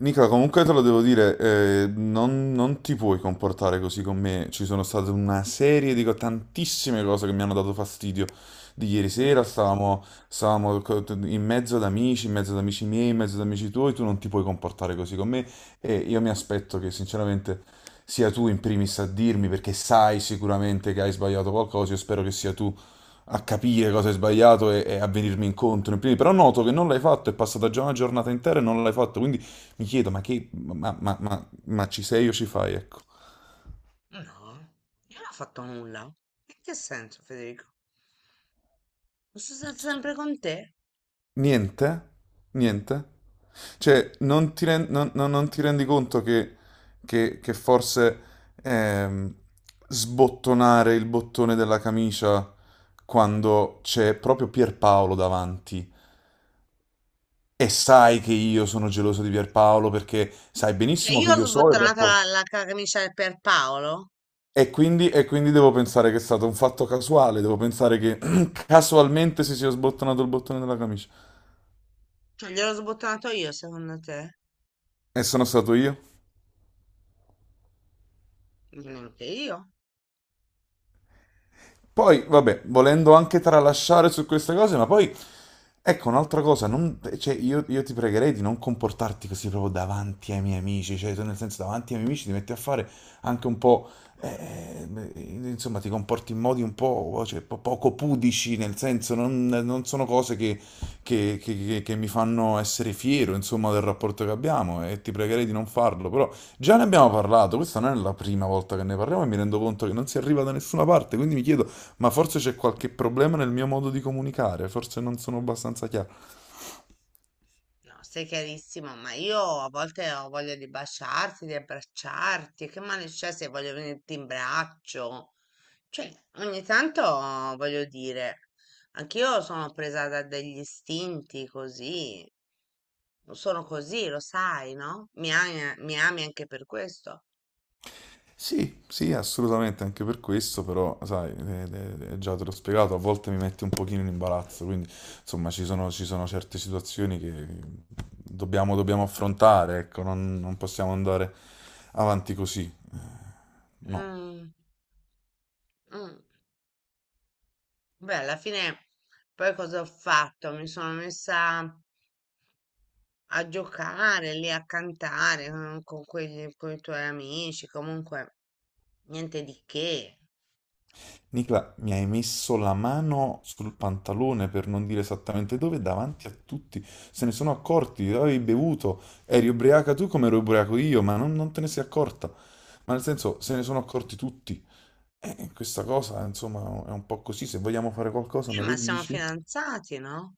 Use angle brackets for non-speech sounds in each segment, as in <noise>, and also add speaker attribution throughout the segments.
Speaker 1: Nicola, comunque te lo devo dire, non ti puoi comportare così con me. Ci sono state una serie di tantissime cose che mi hanno dato fastidio. Di ieri
Speaker 2: Mm?
Speaker 1: sera in mezzo ad amici, in mezzo ad amici miei, in mezzo ad amici tuoi, tu non ti puoi comportare così con me, e io mi aspetto che sinceramente sia tu in primis a dirmi, perché sai sicuramente che hai sbagliato qualcosa. Io spero che sia tu a capire cosa hai sbagliato, e a venirmi incontro. In primis. Però noto che non l'hai fatto, è passata già una giornata intera e non l'hai fatto, quindi mi chiedo, ma che, ma ci sei o ci fai, ecco.
Speaker 2: No, io non ho fatto nulla. In che senso, Federico? Sono stata sempre con te.
Speaker 1: Niente? Niente? Cioè, non ti rendi conto che forse ehm, sbottonare il bottone della camicia quando c'è proprio Pierpaolo davanti, e sai che io sono geloso di Pierpaolo perché sai
Speaker 2: Cioè,
Speaker 1: benissimo
Speaker 2: io
Speaker 1: che
Speaker 2: ho
Speaker 1: io so il
Speaker 2: sbottonato
Speaker 1: rapporto...
Speaker 2: la camicia per Paolo?
Speaker 1: E quindi devo pensare che è stato un fatto casuale, devo pensare che <clears throat> casualmente si sia sbottonato il bottone della camicia.
Speaker 2: Cioè, gliel'ho sbottonato io, secondo te?
Speaker 1: E sono stato io.
Speaker 2: Neanche io.
Speaker 1: Poi, vabbè, volendo anche tralasciare su queste cose, ma poi, ecco, un'altra cosa, cioè, io ti pregherei di non comportarti così proprio davanti ai miei amici, cioè, tu nel senso, davanti ai miei amici ti metti a fare anche un po', beh, insomma, ti comporti in modi un po', cioè, poco pudici, nel senso, non sono cose che mi fanno essere fiero, insomma, del rapporto che abbiamo, e ti pregherei di non farlo, però già ne abbiamo parlato, questa non è la prima volta che ne parliamo e mi rendo conto che non si arriva da nessuna parte, quindi mi chiedo... Ma forse c'è qualche problema nel mio modo di comunicare, forse non sono abbastanza chiaro.
Speaker 2: No, stai chiarissimo, ma io a volte ho voglia di baciarti, di abbracciarti. Che male c'è se voglio venirti in braccio? Cioè, ogni tanto voglio dire, anch'io sono presa da degli istinti così. Sono così, lo sai, no? Mi ami anche per questo.
Speaker 1: Sì, sì, assolutamente, anche per questo, però, sai, già te l'ho spiegato, a volte mi metti un pochino in imbarazzo, quindi, insomma, ci sono certe situazioni che dobbiamo affrontare, ecco, non possiamo andare avanti così, no.
Speaker 2: Mm, mm. Beh, alla fine poi cosa ho fatto? Mi sono messa a giocare lì, a cantare con i tuoi amici, comunque niente di che.
Speaker 1: Nicla, mi hai messo la mano sul pantalone per non dire esattamente dove, davanti a tutti. Se ne sono accorti, avevi bevuto, eri ubriaca tu come ero ubriaco io, ma non te ne sei accorta. Ma nel senso, se ne sono accorti tutti. E questa cosa, insomma, è un po' così. Se vogliamo fare qualcosa, me lo
Speaker 2: Ma siamo
Speaker 1: dici?
Speaker 2: fidanzati, no?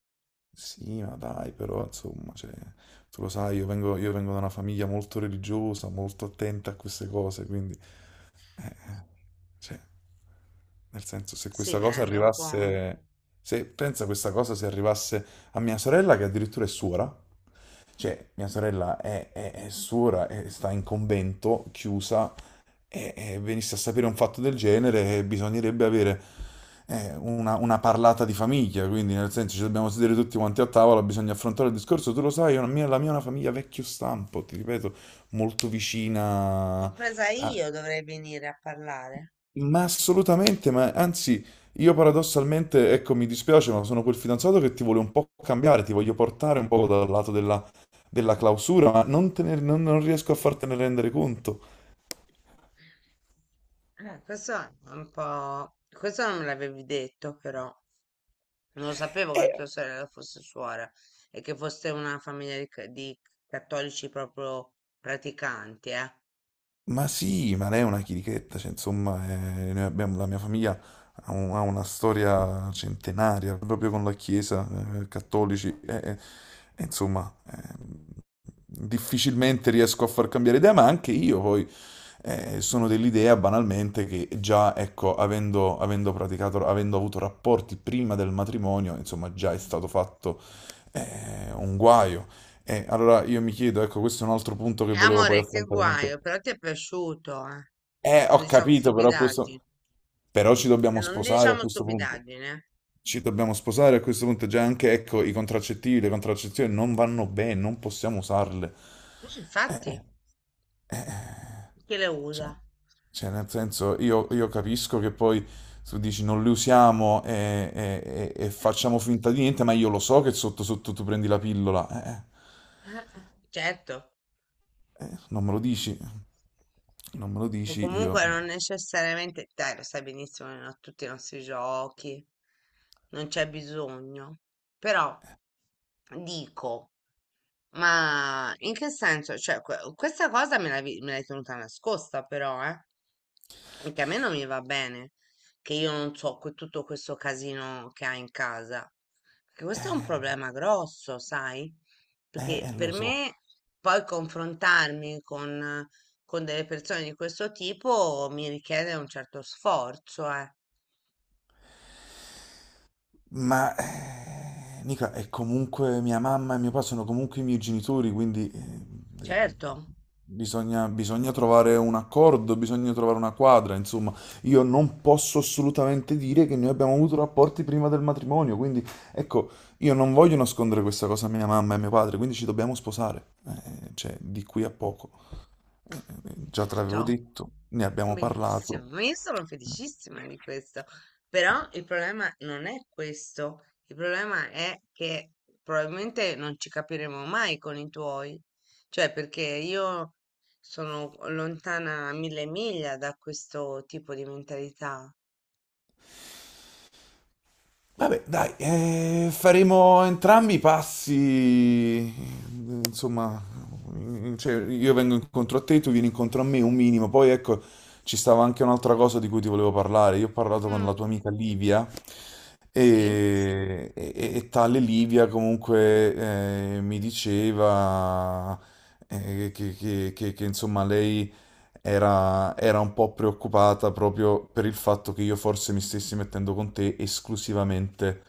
Speaker 1: Sì, ma dai, però, insomma, cioè, tu lo sai, io vengo da una famiglia molto religiosa, molto attenta a queste cose, quindi... Eh, cioè, nel senso,
Speaker 2: Sì, mi rendo conto.
Speaker 1: se pensa questa cosa se arrivasse a mia sorella, che addirittura è suora, cioè mia sorella è suora e sta in convento, chiusa, e venisse a sapere un fatto del genere, bisognerebbe avere una parlata di famiglia, quindi nel senso ci dobbiamo sedere tutti quanti a tavola, bisogna affrontare il discorso, tu lo sai, la mia è una famiglia vecchio stampo, ti ripeto, molto vicina...
Speaker 2: Compresa
Speaker 1: a-
Speaker 2: io dovrei venire a parlare.
Speaker 1: ma assolutamente, ma anzi, io paradossalmente, ecco, mi dispiace, ma sono quel fidanzato che ti vuole un po' cambiare, ti voglio portare un po' dal lato della clausura, ma non, te ne- non- non riesco a fartene rendere conto.
Speaker 2: Questo è un po'. Questo non me l'avevi detto, però. Non lo sapevo che tua sorella fosse suora e che foste una famiglia di cattolici proprio praticanti, eh.
Speaker 1: Ma sì, ma lei è una chirichetta, cioè, insomma, la mia famiglia ha una storia centenaria proprio con la Chiesa, cattolici, e insomma, difficilmente riesco a far cambiare idea, ma anche io poi sono dell'idea banalmente che già, ecco, avendo praticato, avendo avuto rapporti prima del matrimonio, insomma, già è stato fatto un guaio. E allora io mi chiedo, ecco, questo è un altro punto che volevo poi
Speaker 2: Amore, che
Speaker 1: affrontare con te.
Speaker 2: guaio, però ti è piaciuto, eh. Non
Speaker 1: Ho
Speaker 2: diciamo
Speaker 1: capito, però questo...
Speaker 2: stupidaggini.
Speaker 1: Però ci dobbiamo
Speaker 2: Non
Speaker 1: sposare a
Speaker 2: diciamo
Speaker 1: questo punto.
Speaker 2: stupidaggini, eh.
Speaker 1: Ci dobbiamo sposare a questo punto. Già anche, ecco, i contraccettivi, le contraccezioni non vanno bene, non possiamo usarle.
Speaker 2: Mm,
Speaker 1: Eh,
Speaker 2: infatti,
Speaker 1: eh, eh,
Speaker 2: chi le usa?
Speaker 1: cioè, cioè, nel senso, io capisco che poi tu dici non le usiamo e
Speaker 2: <laughs>
Speaker 1: facciamo finta di niente, ma io lo so che sotto sotto tu prendi la pillola. Eh, eh,
Speaker 2: Certo,
Speaker 1: Eh, non me lo dici. Non me lo
Speaker 2: o
Speaker 1: dici io.
Speaker 2: comunque non necessariamente, dai, lo sai benissimo, a tutti i nostri giochi, non c'è bisogno, però dico. Ma in che senso? Cioè, questa cosa me l'hai tenuta nascosta però, eh? Anche a me non mi va bene che io non so tutto questo casino che hai in casa. Perché questo è un
Speaker 1: eh.
Speaker 2: problema grosso, sai?
Speaker 1: Eh,
Speaker 2: Perché
Speaker 1: eh, lo
Speaker 2: per
Speaker 1: so,
Speaker 2: me poi confrontarmi con delle persone di questo tipo mi richiede un certo sforzo, eh.
Speaker 1: ma Nica è comunque mia mamma e mio papà sono comunque i miei genitori, quindi eh,
Speaker 2: Certo,
Speaker 1: bisogna trovare un accordo, bisogna trovare una quadra, insomma, io non posso assolutamente dire che noi abbiamo avuto rapporti prima del matrimonio, quindi ecco, io non voglio nascondere questa cosa a mia mamma e a mio padre, quindi ci dobbiamo sposare, cioè di qui a poco. Già te l'avevo
Speaker 2: certo.
Speaker 1: detto, ne abbiamo parlato.
Speaker 2: Benissimo, ma io sono felicissima di questo, però il problema non è questo, il problema è che probabilmente non ci capiremo mai con i tuoi, cioè perché io sono lontana mille miglia da questo tipo di mentalità.
Speaker 1: Vabbè, dai, faremo entrambi i passi, insomma, cioè, io vengo incontro a te, tu vieni incontro a me, un minimo. Poi ecco, ci stava anche un'altra cosa di cui ti volevo parlare. Io ho parlato con la
Speaker 2: Mm.
Speaker 1: tua amica Livia
Speaker 2: Sì,
Speaker 1: e tale Livia comunque mi diceva che, insomma lei era un po' preoccupata proprio per il fatto che io forse mi stessi mettendo con te esclusivamente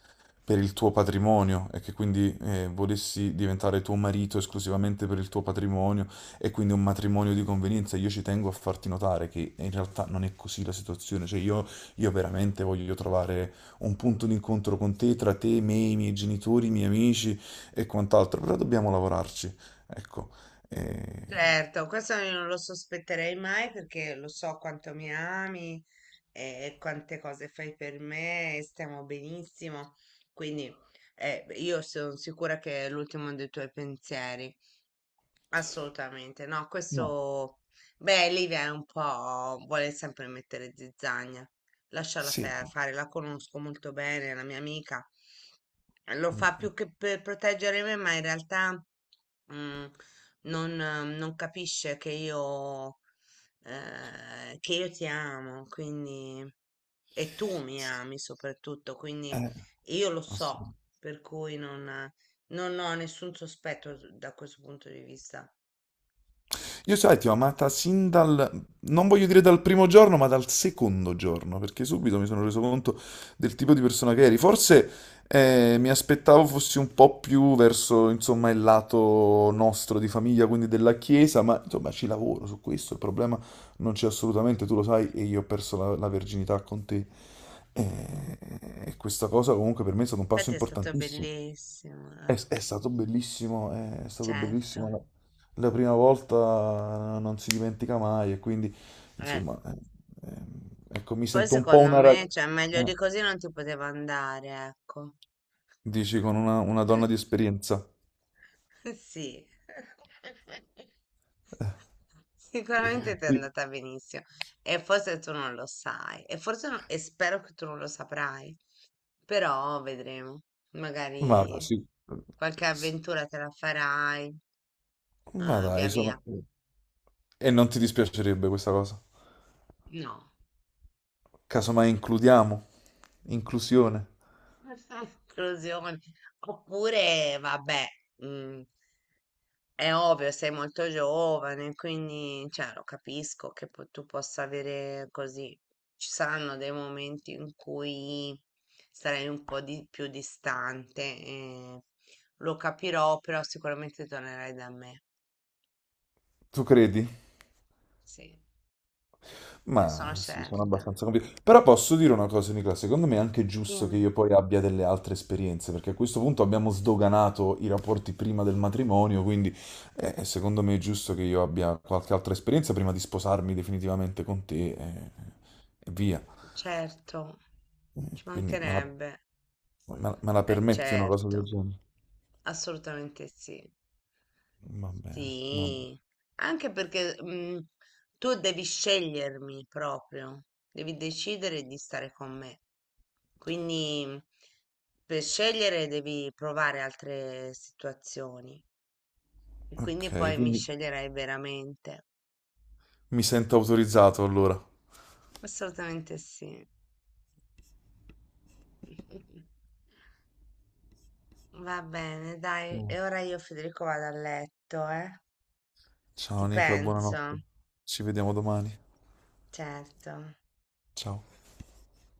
Speaker 1: per il tuo patrimonio e che quindi volessi diventare tuo marito esclusivamente per il tuo patrimonio e quindi un matrimonio di convenienza. Io ci tengo a farti notare che in realtà non è così la situazione, cioè io veramente voglio trovare un punto d'incontro con te, tra te, me, i miei genitori, i miei amici e quant'altro, però dobbiamo lavorarci, ecco. Eh,
Speaker 2: certo, questo io non lo sospetterei mai perché lo so quanto mi ami, quante cose fai per me, stiamo benissimo. Quindi, io sono sicura che è l'ultimo dei tuoi pensieri. Assolutamente, no,
Speaker 1: No,
Speaker 2: questo, beh, Livia è un po', vuole sempre mettere zizzagna, lasciala fa-
Speaker 1: sì,
Speaker 2: fare, la conosco molto bene, è una mia amica, lo fa
Speaker 1: mm.
Speaker 2: più che per proteggere me, ma in realtà mm, non capisce che che io ti amo, quindi, e tu mi ami soprattutto, quindi
Speaker 1: Eh,
Speaker 2: io lo so,
Speaker 1: Assolutamente.
Speaker 2: per cui non ho nessun sospetto da questo punto di vista.
Speaker 1: Io sai, ti ho amata sin dal, non voglio dire dal primo giorno, ma dal secondo giorno, perché subito mi sono reso conto del tipo di persona che eri. Forse mi aspettavo fossi un po' più verso, insomma, il lato nostro di famiglia, quindi della chiesa, ma insomma ci lavoro su questo, il problema non c'è assolutamente, tu lo sai, e io ho perso la verginità con te. E, e questa cosa comunque per me è stato un passo
Speaker 2: Infatti è stato
Speaker 1: importantissimo.
Speaker 2: bellissimo,
Speaker 1: È, è stato bellissimo, è stato bellissimo.
Speaker 2: certo.
Speaker 1: La prima volta non si dimentica mai e quindi,
Speaker 2: Eh,
Speaker 1: insomma, eh, ecco, mi
Speaker 2: poi
Speaker 1: sento un po'
Speaker 2: secondo
Speaker 1: una
Speaker 2: me,
Speaker 1: ragazza.
Speaker 2: cioè, meglio di così non ti poteva andare, ecco.
Speaker 1: Dici con una donna di
Speaker 2: <laughs>
Speaker 1: esperienza.
Speaker 2: Sì.
Speaker 1: <laughs>
Speaker 2: Sicuramente ti è
Speaker 1: Sì.
Speaker 2: andata benissimo e forse tu non lo sai e forse e spero che tu non lo saprai, però vedremo.
Speaker 1: Ma dai,
Speaker 2: Magari
Speaker 1: sì.
Speaker 2: qualche
Speaker 1: S-
Speaker 2: avventura te la farai,
Speaker 1: Ma
Speaker 2: via
Speaker 1: dai, sono...
Speaker 2: via.
Speaker 1: E non ti dispiacerebbe questa cosa?
Speaker 2: No.
Speaker 1: Casomai includiamo, inclusione.
Speaker 2: <laughs> Esclusione. Oppure, vabbè, mm, è ovvio, sei molto giovane, quindi cioè, lo capisco che tu possa avere così. Ci saranno dei momenti in cui sarai un po' più distante, e lo capirò, però sicuramente tornerai da me.
Speaker 1: Tu credi?
Speaker 2: Sì, ne sono
Speaker 1: Ma sì, sono
Speaker 2: certa.
Speaker 1: abbastanza convinto. Però posso dire una cosa, Nicola, secondo me è anche giusto che
Speaker 2: Dimmi.
Speaker 1: io poi abbia delle altre esperienze, perché a questo punto abbiamo sdoganato i rapporti prima del matrimonio, quindi secondo me è giusto che io abbia qualche altra esperienza prima di sposarmi definitivamente con te e, via.
Speaker 2: Certo, ci
Speaker 1: Quindi me la,
Speaker 2: mancherebbe.
Speaker 1: me- me la
Speaker 2: Eh
Speaker 1: permetti una cosa del
Speaker 2: certo,
Speaker 1: genere?
Speaker 2: assolutamente sì.
Speaker 1: Va bene, va bene.
Speaker 2: Sì, anche perché tu devi scegliermi proprio, devi decidere di stare con me. Quindi per scegliere devi provare altre situazioni e quindi
Speaker 1: Ok,
Speaker 2: poi mi
Speaker 1: quindi
Speaker 2: sceglierai veramente.
Speaker 1: mi sento autorizzato allora.
Speaker 2: Assolutamente sì. <laughs> Va bene, dai, e ora io Federico vado a letto, eh? Ti
Speaker 1: Ciao Nicola,
Speaker 2: penso,
Speaker 1: buonanotte. Ci vediamo domani.
Speaker 2: certo.
Speaker 1: Ciao.